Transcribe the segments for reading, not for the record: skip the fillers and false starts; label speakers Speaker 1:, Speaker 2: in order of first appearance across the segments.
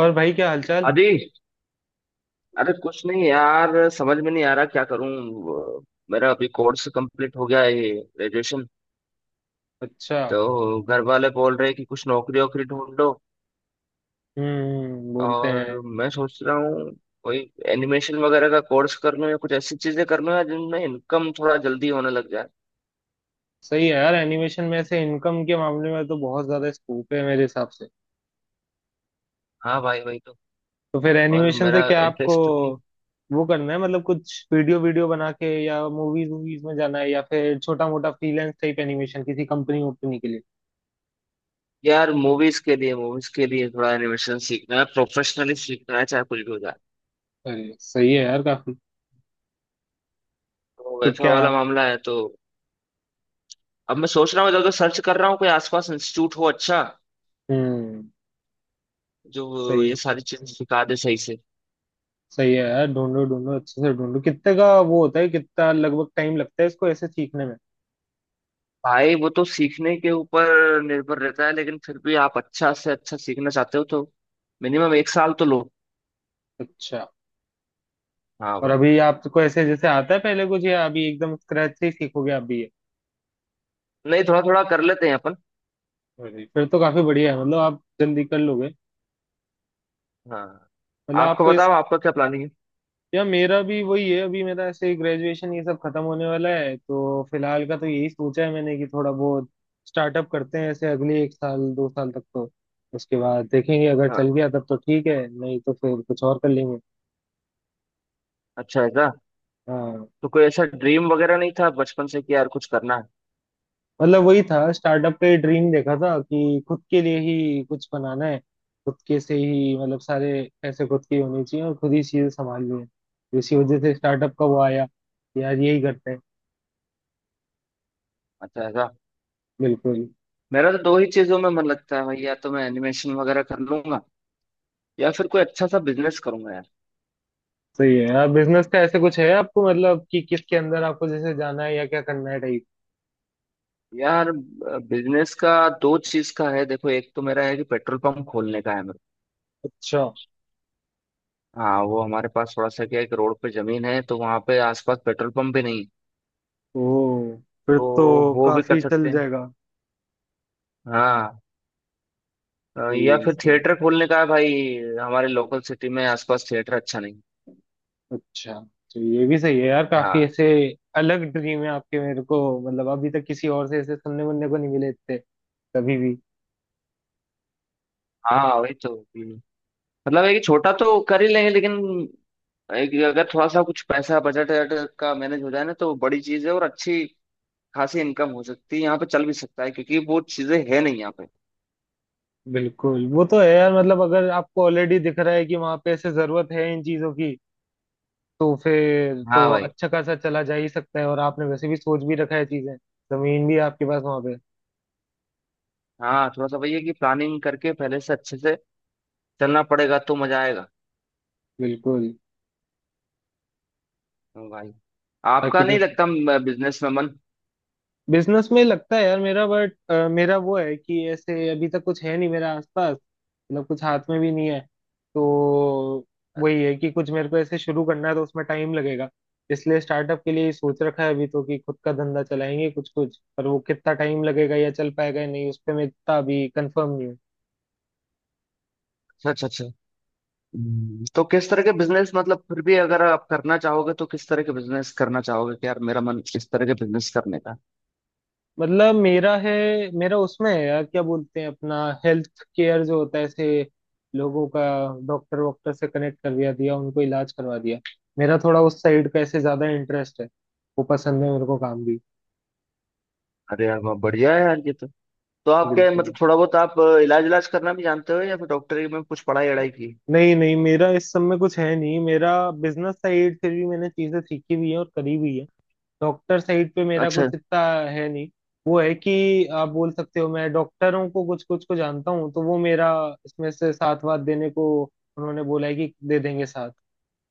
Speaker 1: और भाई क्या हालचाल।
Speaker 2: अरे अरे कुछ नहीं यार। समझ में नहीं आ रहा क्या करूं। वो, मेरा अभी कोर्स कंप्लीट हो गया है ये ग्रेजुएशन।
Speaker 1: अच्छा।
Speaker 2: तो घर वाले बोल रहे हैं कि कुछ नौकरी वोकरी ढूंढ लो।
Speaker 1: हम्म, बोलते
Speaker 2: और
Speaker 1: हैं।
Speaker 2: मैं सोच रहा हूँ कोई एनिमेशन वगैरह का कोर्स कर लूं या कुछ ऐसी चीजें कर लूं यार जिनमें इनकम थोड़ा जल्दी होने लग जाए।
Speaker 1: सही है यार, एनिमेशन में ऐसे इनकम के मामले में तो बहुत ज्यादा स्कोप है मेरे हिसाब से।
Speaker 2: हाँ भाई, वही तो।
Speaker 1: तो फिर
Speaker 2: और
Speaker 1: एनिमेशन से
Speaker 2: मेरा
Speaker 1: क्या आपको
Speaker 2: इंटरेस्ट भी।
Speaker 1: वो करना है, मतलब कुछ वीडियो वीडियो बना के या मूवीज मूवीज में जाना है या फिर छोटा मोटा फ्रीलांस टाइप एनिमेशन किसी कंपनी वंपनी के लिए।
Speaker 2: यार मूवीज के लिए थोड़ा एनिमेशन सीखना है, प्रोफेशनली सीखना है, चाहे कुछ भी हो जाए।
Speaker 1: अरे सही है यार काफी।
Speaker 2: तो
Speaker 1: तो
Speaker 2: वैसा
Speaker 1: क्या।
Speaker 2: वाला मामला है तो। अब मैं सोच रहा हूँ, इधर उधर सर्च कर रहा हूँ कोई आसपास इंस्टीट्यूट हो अच्छा
Speaker 1: हम्म।
Speaker 2: जो
Speaker 1: सही
Speaker 2: ये
Speaker 1: है।
Speaker 2: सारी चीजें सिखा दे सही से।
Speaker 1: सही है यार, ढूंढो ढूंढो अच्छे से ढूंढो, कितने का वो होता है, कितना लगभग टाइम लगता है इसको ऐसे सीखने में।
Speaker 2: भाई वो तो सीखने के ऊपर निर्भर रहता है, लेकिन फिर भी आप अच्छा से अच्छा सीखना चाहते हो तो मिनिमम एक साल तो लो।
Speaker 1: अच्छा।
Speaker 2: हाँ
Speaker 1: और
Speaker 2: भाई।
Speaker 1: अभी आपको ऐसे जैसे आता है पहले कुछ, या अभी एकदम स्क्रैच से ही सीखोगे आप भी ये।
Speaker 2: नहीं, थोड़ा थोड़ा कर लेते हैं अपन।
Speaker 1: जी, फिर तो काफी बढ़िया है, मतलब आप जल्दी कर लोगे।
Speaker 2: हाँ।
Speaker 1: मतलब
Speaker 2: आपको
Speaker 1: आपको इस,
Speaker 2: बताओ, आपका क्या प्लानिंग है?
Speaker 1: या मेरा भी वही है। अभी मेरा ऐसे ग्रेजुएशन ये सब खत्म होने वाला है, तो फिलहाल का तो यही सोचा है मैंने कि थोड़ा बहुत स्टार्टअप करते हैं ऐसे अगले 1 साल 2 साल तक तो। उसके बाद देखेंगे, अगर
Speaker 2: हाँ।
Speaker 1: चल गया तब तो ठीक है, नहीं तो फिर कुछ और कर लेंगे।
Speaker 2: अच्छा ऐसा?
Speaker 1: हाँ।
Speaker 2: तो कोई ऐसा ड्रीम वगैरह नहीं था बचपन से कि यार कुछ करना है?
Speaker 1: मतलब वही था, स्टार्टअप पे ड्रीम देखा था कि खुद के लिए ही कुछ बनाना है। खुद के से ही मतलब सारे पैसे खुद के ही होने चाहिए और खुद ही चीजें संभालनी है, इसी वजह से स्टार्टअप का वो आया कि यार यही करते हैं।
Speaker 2: अच्छा ऐसा।
Speaker 1: बिल्कुल।
Speaker 2: मेरा तो दो ही चीजों में मन लगता है भाई, या तो मैं एनिमेशन वगैरह कर लूंगा या फिर कोई अच्छा सा बिजनेस करूंगा।
Speaker 1: सही है यार, बिजनेस का ऐसे कुछ है आपको, मतलब कि किसके अंदर आपको जैसे जाना है या क्या करना है टाइप।
Speaker 2: यार बिजनेस का दो चीज का है, देखो। एक तो मेरा है कि पेट्रोल पंप खोलने का है मेरा।
Speaker 1: अच्छा।
Speaker 2: हाँ, वो हमारे पास थोड़ा सा क्या है कि रोड पे जमीन है, तो वहाँ पे आसपास पेट्रोल पंप भी नहीं,
Speaker 1: ओ, फिर
Speaker 2: तो
Speaker 1: तो
Speaker 2: वो भी कर
Speaker 1: काफी
Speaker 2: सकते
Speaker 1: चल
Speaker 2: हैं।
Speaker 1: जाएगा।
Speaker 2: हाँ।
Speaker 1: सही
Speaker 2: या
Speaker 1: है।
Speaker 2: फिर
Speaker 1: सही है।
Speaker 2: थिएटर खोलने का है भाई। हमारे लोकल सिटी में आसपास थिएटर अच्छा नहीं।
Speaker 1: अच्छा। तो ये भी सही है यार, काफी
Speaker 2: हाँ।
Speaker 1: ऐसे अलग ड्रीम है आपके मेरे को, मतलब अभी तक किसी और से ऐसे सुनने मुनने को नहीं मिले इतने कभी भी।
Speaker 2: हाँ वही तो। हम्म। मतलब एक छोटा तो कर ही लेंगे, लेकिन एक अगर थोड़ा सा कुछ पैसा बजट वजट का मैनेज हो जाए ना तो बड़ी चीज है और अच्छी खासी इनकम हो सकती है, यहाँ पे चल भी सकता है क्योंकि वो चीजें है नहीं यहाँ पे।
Speaker 1: बिल्कुल, वो तो है यार, मतलब अगर आपको ऑलरेडी दिख रहा है कि वहां पे ऐसे जरूरत है इन चीजों की, तो फिर तो
Speaker 2: हाँ भाई।
Speaker 1: अच्छा खासा चला जा ही सकता है, और आपने वैसे भी सोच भी रखा है चीजें, जमीन भी है आपके पास वहां पे।
Speaker 2: हाँ, थोड़ा सा भैया है कि प्लानिंग करके पहले से अच्छे से चलना पड़ेगा तो मजा आएगा।
Speaker 1: बिल्कुल।
Speaker 2: हाँ भाई। आपका
Speaker 1: ताकि तो
Speaker 2: नहीं लगता बिजनेस में मन?
Speaker 1: बिजनेस में लगता है यार मेरा, बट मेरा वो है कि ऐसे अभी तक कुछ है नहीं मेरा आसपास, मतलब कुछ हाथ में भी नहीं है, तो वही है कि कुछ मेरे को ऐसे शुरू करना है तो उसमें टाइम लगेगा, इसलिए स्टार्टअप के लिए ही सोच रखा है अभी तो कि खुद का धंधा चलाएंगे कुछ कुछ, पर वो कितना टाइम लगेगा या चल पाएगा या नहीं उस पर मैं इतना अभी कंफर्म नहीं हूँ।
Speaker 2: अच्छा अच्छा अच्छा। तो किस तरह के बिजनेस, मतलब फिर भी अगर आप करना चाहोगे तो किस तरह के बिजनेस करना चाहोगे कि यार मेरा मन इस तरह के बिजनेस करने का?
Speaker 1: मतलब मेरा है, मेरा उसमें है यार, क्या बोलते हैं अपना हेल्थ केयर जो होता है ऐसे लोगों का, डॉक्टर वॉक्टर से कनेक्ट कर दिया दिया उनको, इलाज करवा दिया। मेरा थोड़ा उस साइड का ऐसे ज्यादा इंटरेस्ट है, वो पसंद है मेरे को काम भी।
Speaker 2: अरे यार वाह, बढ़िया है यार ये तो। तो आप क्या,
Speaker 1: बिल्कुल।
Speaker 2: मतलब थोड़ा बहुत आप इलाज इलाज करना भी जानते हो या फिर डॉक्टरी में कुछ पढ़ाई अड़ाई की?
Speaker 1: नहीं नहीं मेरा इस सब में कुछ है नहीं मेरा, बिजनेस साइड फिर भी मैंने चीजें सीखी भी है और करी भी है, डॉक्टर साइड पे मेरा
Speaker 2: अच्छा
Speaker 1: कुछ इतना है नहीं। वो है कि आप बोल सकते हो मैं डॉक्टरों को कुछ कुछ को जानता हूँ, तो वो मेरा इसमें से साथ वाथ देने को उन्होंने बोला है कि दे देंगे साथ,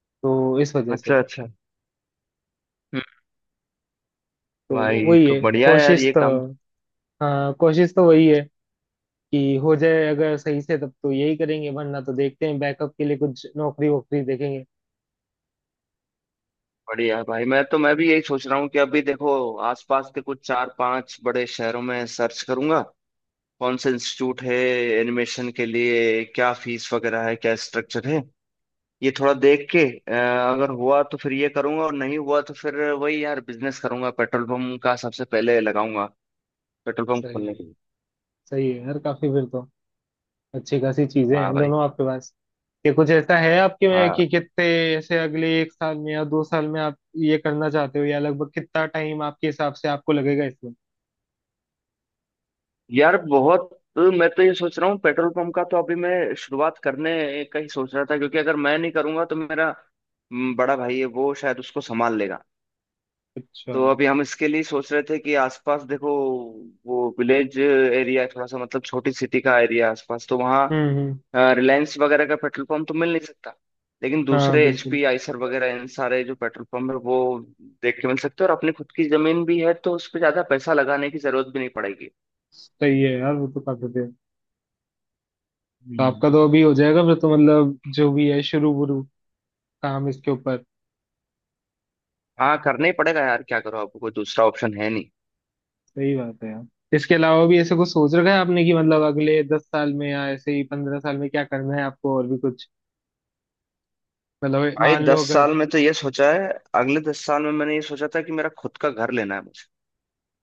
Speaker 1: तो इस वजह
Speaker 2: अच्छा
Speaker 1: से।
Speaker 2: अच्छा। हम्म,
Speaker 1: तो
Speaker 2: भाई
Speaker 1: वही
Speaker 2: तो
Speaker 1: है
Speaker 2: बढ़िया है यार
Speaker 1: कोशिश
Speaker 2: ये
Speaker 1: तो।
Speaker 2: काम।
Speaker 1: हाँ, कोशिश तो वही है कि हो जाए अगर सही से, तब तो यही करेंगे, वरना तो देखते हैं बैकअप के लिए कुछ नौकरी वोकरी देखेंगे।
Speaker 2: बढ़िया भाई। मैं तो, मैं भी यही सोच रहा हूँ कि अभी देखो आसपास के कुछ चार पांच बड़े शहरों में सर्च करूंगा, कौन सा इंस्टीट्यूट है एनिमेशन के लिए, क्या फीस वगैरह है, क्या स्ट्रक्चर है, ये थोड़ा देख के अगर हुआ तो फिर ये करूंगा और नहीं हुआ तो फिर वही यार बिजनेस करूंगा, पेट्रोल पंप का सबसे पहले लगाऊंगा, पेट्रोल पंप
Speaker 1: सही
Speaker 2: खोलने
Speaker 1: है।
Speaker 2: के लिए।
Speaker 1: सही है यार काफी फिर तो, अच्छी खासी चीजें
Speaker 2: हाँ
Speaker 1: हैं
Speaker 2: भाई।
Speaker 1: दोनों आपके पास। ये कुछ ऐसा है आपके में कि
Speaker 2: हाँ।
Speaker 1: कितने ऐसे अगले एक साल में या 2 साल में आप ये करना चाहते हो, या लगभग कितना टाइम आपके हिसाब से आपको लगेगा इसमें।
Speaker 2: यार बहुत। मैं तो ये सोच रहा हूँ पेट्रोल पंप का तो अभी मैं शुरुआत करने का ही सोच रहा था क्योंकि अगर मैं नहीं करूंगा तो मेरा बड़ा भाई है वो शायद उसको संभाल लेगा।
Speaker 1: अच्छा,
Speaker 2: तो
Speaker 1: हम्म।
Speaker 2: अभी हम इसके लिए सोच रहे थे कि आसपास देखो, वो विलेज एरिया है थोड़ा सा, मतलब छोटी सिटी का एरिया आसपास, तो वहाँ
Speaker 1: हम्म।
Speaker 2: रिलायंस वगैरह का पेट्रोल पंप तो मिल नहीं सकता, लेकिन
Speaker 1: हाँ,
Speaker 2: दूसरे
Speaker 1: बिल्कुल।
Speaker 2: एचपी आइसर वगैरह इन सारे जो पेट्रोल पंप है वो देख के मिल सकते हैं, और अपनी खुद की जमीन भी है तो उस पर ज्यादा पैसा लगाने की जरूरत भी नहीं पड़ेगी।
Speaker 1: सही है यार, वो तो काफी देर, तो आपका तो अभी हो जाएगा फिर तो मतलब, जो भी है शुरू बुरू काम इसके ऊपर।
Speaker 2: हाँ, करना ही पड़ेगा यार, क्या करो, आपको कोई दूसरा ऑप्शन है नहीं।
Speaker 1: सही बात है यार। इसके अलावा भी ऐसे कुछ सोच रखा है आपने कि मतलब अगले 10 साल में या ऐसे ही 15 साल में क्या करना है आपको और भी कुछ, मतलब
Speaker 2: भाई
Speaker 1: मान
Speaker 2: दस
Speaker 1: लो अगर।
Speaker 2: साल में तो ये सोचा है। अगले 10 साल में मैंने ये सोचा था कि मेरा खुद का घर लेना है मुझे।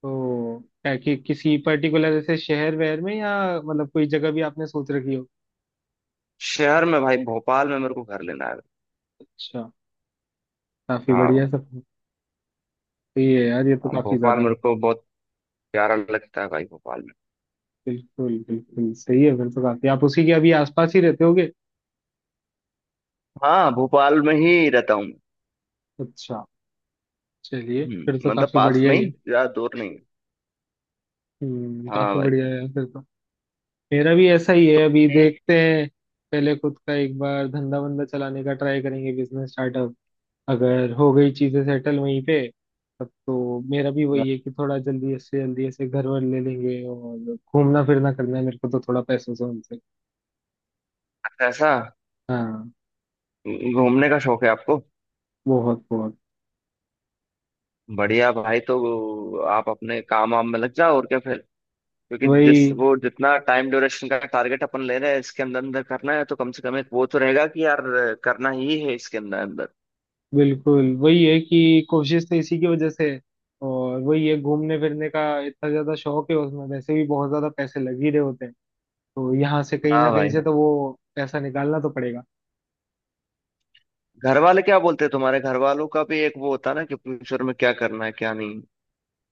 Speaker 1: तो क्या कि किसी पर्टिकुलर जैसे शहर वहर में, या मतलब कोई जगह भी आपने सोच रखी हो।
Speaker 2: शहर में भाई, भोपाल में मेरे को घर लेना है।
Speaker 1: अच्छा, काफी
Speaker 2: हाँ
Speaker 1: बढ़िया
Speaker 2: भाई।
Speaker 1: सब। तो ये यार, ये तो
Speaker 2: हाँ,
Speaker 1: काफी
Speaker 2: भोपाल
Speaker 1: ज्यादा।
Speaker 2: मेरे को बहुत प्यारा लगता है भाई, भोपाल में।
Speaker 1: बिल्कुल बिल्कुल सही है, फिर तो काफी आप उसी के अभी आसपास ही रहते होगे।
Speaker 2: हाँ, भोपाल में ही रहता हूँ मैं।
Speaker 1: अच्छा, चलिए, फिर तो
Speaker 2: हम्म, मतलब
Speaker 1: काफी
Speaker 2: पास
Speaker 1: बढ़िया
Speaker 2: में
Speaker 1: ही
Speaker 2: ही,
Speaker 1: है।
Speaker 2: ज्यादा दूर नहीं है।
Speaker 1: हम्म,
Speaker 2: हाँ
Speaker 1: काफी
Speaker 2: भाई।
Speaker 1: बढ़िया है यार फिर तो। मेरा भी ऐसा ही
Speaker 2: तो
Speaker 1: है, अभी देखते हैं। पहले खुद का एक बार धंधा बंदा चलाने का ट्राई करेंगे, बिजनेस स्टार्टअप। अगर हो गई चीजें सेटल वहीं पे, तब तो मेरा भी
Speaker 2: मैं-
Speaker 1: वही है कि थोड़ा जल्दी से जल्दी ऐसे घर वर ले लेंगे, और घूमना फिरना करना है मेरे को तो थोड़ा पैसों से उनसे।
Speaker 2: ऐसा
Speaker 1: हाँ।
Speaker 2: घूमने का शौक है आपको?
Speaker 1: बहुत बहुत।
Speaker 2: बढ़िया भाई। तो आप अपने काम वाम में लग जाओ और क्या, क्योंकि जिस
Speaker 1: वही,
Speaker 2: वो जितना टाइम ड्यूरेशन का टारगेट अपन ले रहे हैं इसके अंदर अंदर करना है तो कम से कम एक वो तो रहेगा कि यार करना ही है इसके अंदर अंदर।
Speaker 1: बिल्कुल, वही है कि कोशिश तो इसी की वजह से है। और वही है, घूमने फिरने का इतना ज्यादा शौक है, उसमें वैसे भी बहुत ज्यादा पैसे लग ही रहे होते हैं, तो यहाँ से कहीं
Speaker 2: हाँ
Speaker 1: ना
Speaker 2: भाई।
Speaker 1: कहीं से
Speaker 2: हाँ।
Speaker 1: तो वो पैसा निकालना तो पड़ेगा।
Speaker 2: घर वाले क्या बोलते हैं तुम्हारे, घर वालों का भी एक वो होता है ना कि फ्यूचर में क्या करना है क्या नहीं?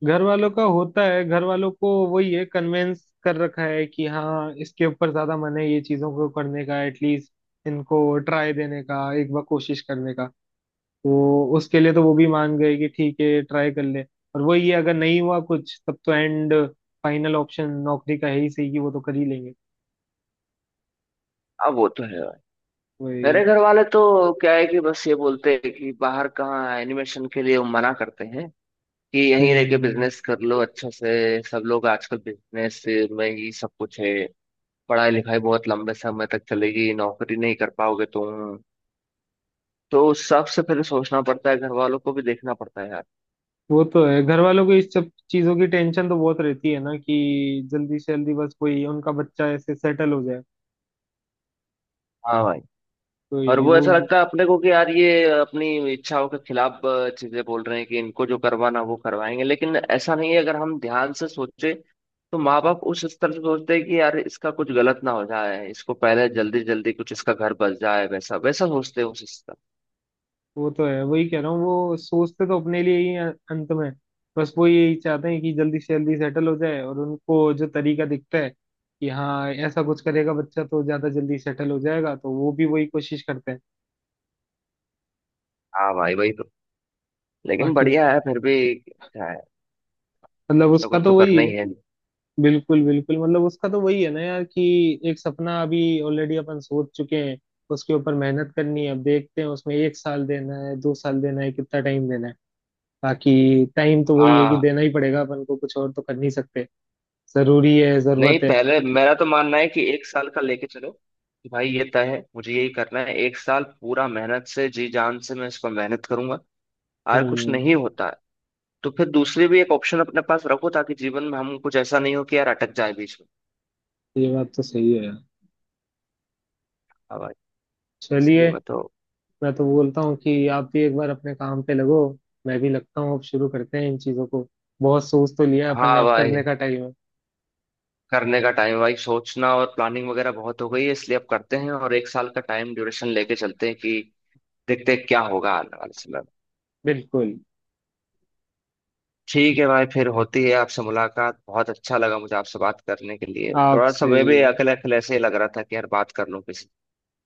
Speaker 1: घर वालों का होता है, घर वालों को वही है कन्वेंस कर रखा है कि हाँ, इसके ऊपर ज्यादा मन है ये चीजों को करने का, एटलीस्ट इनको ट्राई देने का, एक बार कोशिश करने का, तो उसके लिए तो वो भी मान गए कि ठीक है ट्राई कर ले। और वही है, अगर नहीं हुआ कुछ तब तो एंड फाइनल ऑप्शन नौकरी का है ही, सही कि वो तो कर ही लेंगे।
Speaker 2: अब वो तो है भाई। मेरे
Speaker 1: वही।
Speaker 2: घर वाले तो क्या है कि बस ये बोलते हैं कि बाहर कहाँ एनिमेशन के लिए वो मना करते हैं, कि यहीं रह के
Speaker 1: हम्म।
Speaker 2: बिजनेस कर लो अच्छा से, सब लोग आजकल बिजनेस में ही सब कुछ है, पढ़ाई लिखाई बहुत लंबे समय तक चलेगी, नौकरी नहीं कर पाओगे तुम, तो सबसे पहले सोचना पड़ता है, घर वालों को भी देखना पड़ता है यार।
Speaker 1: वो तो है, घर वालों को इस सब चीजों की टेंशन तो बहुत रहती है ना, कि जल्दी से जल्दी बस कोई उनका बच्चा ऐसे सेटल हो जाए,
Speaker 2: हाँ भाई।
Speaker 1: तो
Speaker 2: और
Speaker 1: ये
Speaker 2: वो
Speaker 1: वो।
Speaker 2: ऐसा लगता है अपने को कि यार ये अपनी इच्छाओं के खिलाफ चीजें बोल रहे हैं, कि इनको जो करवाना वो करवाएंगे, लेकिन ऐसा नहीं है। अगर हम ध्यान से सोचे तो माँ बाप उस स्तर से सोचते हैं कि यार इसका कुछ गलत ना हो जाए, इसको पहले जल्दी जल्दी कुछ इसका घर बस जाए, वैसा वैसा सोचते हैं उस स्तर।
Speaker 1: वो तो है, वही कह रहा हूँ, वो सोचते तो अपने लिए ही हैं अंत में, बस वो यही चाहते हैं कि जल्दी से जल्दी सेटल हो जाए और उनको जो तरीका दिखता है कि हाँ ऐसा कुछ करेगा बच्चा तो ज्यादा जल्दी सेटल हो जाएगा, तो वो भी वही कोशिश करते हैं।
Speaker 2: हाँ भाई वही तो। लेकिन
Speaker 1: बाकी तो-
Speaker 2: बढ़िया है फिर भी क्या है,
Speaker 1: मतलब
Speaker 2: कुछ ना
Speaker 1: उसका
Speaker 2: कुछ तो
Speaker 1: तो वही
Speaker 2: करना
Speaker 1: है।
Speaker 2: ही है।
Speaker 1: बिल्कुल बिल्कुल मतलब उसका तो वही है ना यार, कि एक सपना अभी ऑलरेडी अपन सोच चुके हैं, उसके ऊपर मेहनत करनी है, अब देखते हैं उसमें 1 साल देना है 2 साल देना है कितना टाइम देना है, बाकी टाइम तो वही है कि
Speaker 2: हाँ।
Speaker 1: देना ही पड़ेगा, अपन को कुछ और तो कर नहीं सकते। जरूरी है,
Speaker 2: नहीं,
Speaker 1: जरूरत है।
Speaker 2: पहले मेरा तो मानना है कि एक साल का लेके चलो कि भाई ये तय है, मुझे यही करना है, एक साल पूरा मेहनत से, जी जान से मैं इसको मेहनत करूंगा, और कुछ
Speaker 1: हम्म।
Speaker 2: नहीं होता है तो फिर दूसरी भी एक ऑप्शन अपने पास रखो, ताकि जीवन में हम कुछ ऐसा नहीं हो कि यार अटक जाए बीच में।
Speaker 1: ये बात तो सही है यार।
Speaker 2: हाँ भाई। इसलिए
Speaker 1: चलिए,
Speaker 2: मैं तो।
Speaker 1: मैं तो बोलता हूँ कि आप भी एक बार अपने काम पे लगो, मैं भी लगता हूँ, अब शुरू करते हैं इन चीजों को, बहुत सोच तो लिया अपन ने,
Speaker 2: हाँ
Speaker 1: अब करने
Speaker 2: भाई।
Speaker 1: का टाइम है।
Speaker 2: करने का टाइम भाई, सोचना और प्लानिंग वगैरह बहुत हो गई है, इसलिए अब करते हैं और एक साल का टाइम ड्यूरेशन लेके चलते हैं कि देखते हैं क्या होगा आने वाले समय में।
Speaker 1: बिल्कुल।
Speaker 2: ठीक है भाई, फिर होती है आपसे मुलाकात, बहुत अच्छा लगा मुझे आपसे बात करने के लिए, थोड़ा सा
Speaker 1: आपसे
Speaker 2: मैं भी
Speaker 1: भी
Speaker 2: अकेले अकेले ऐसे ही लग रहा था कि यार बात कर लूं किसी।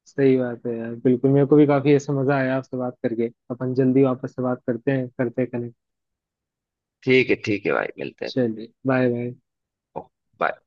Speaker 1: सही बात है यार, बिल्कुल मेरे को भी काफी ऐसा मजा आया आपसे बात करके, अपन जल्दी वापस से बात करते हैं, कनेक्ट
Speaker 2: ठीक है भाई, मिलते हैं।
Speaker 1: चलिए, बाय बाय।
Speaker 2: ओ, bye।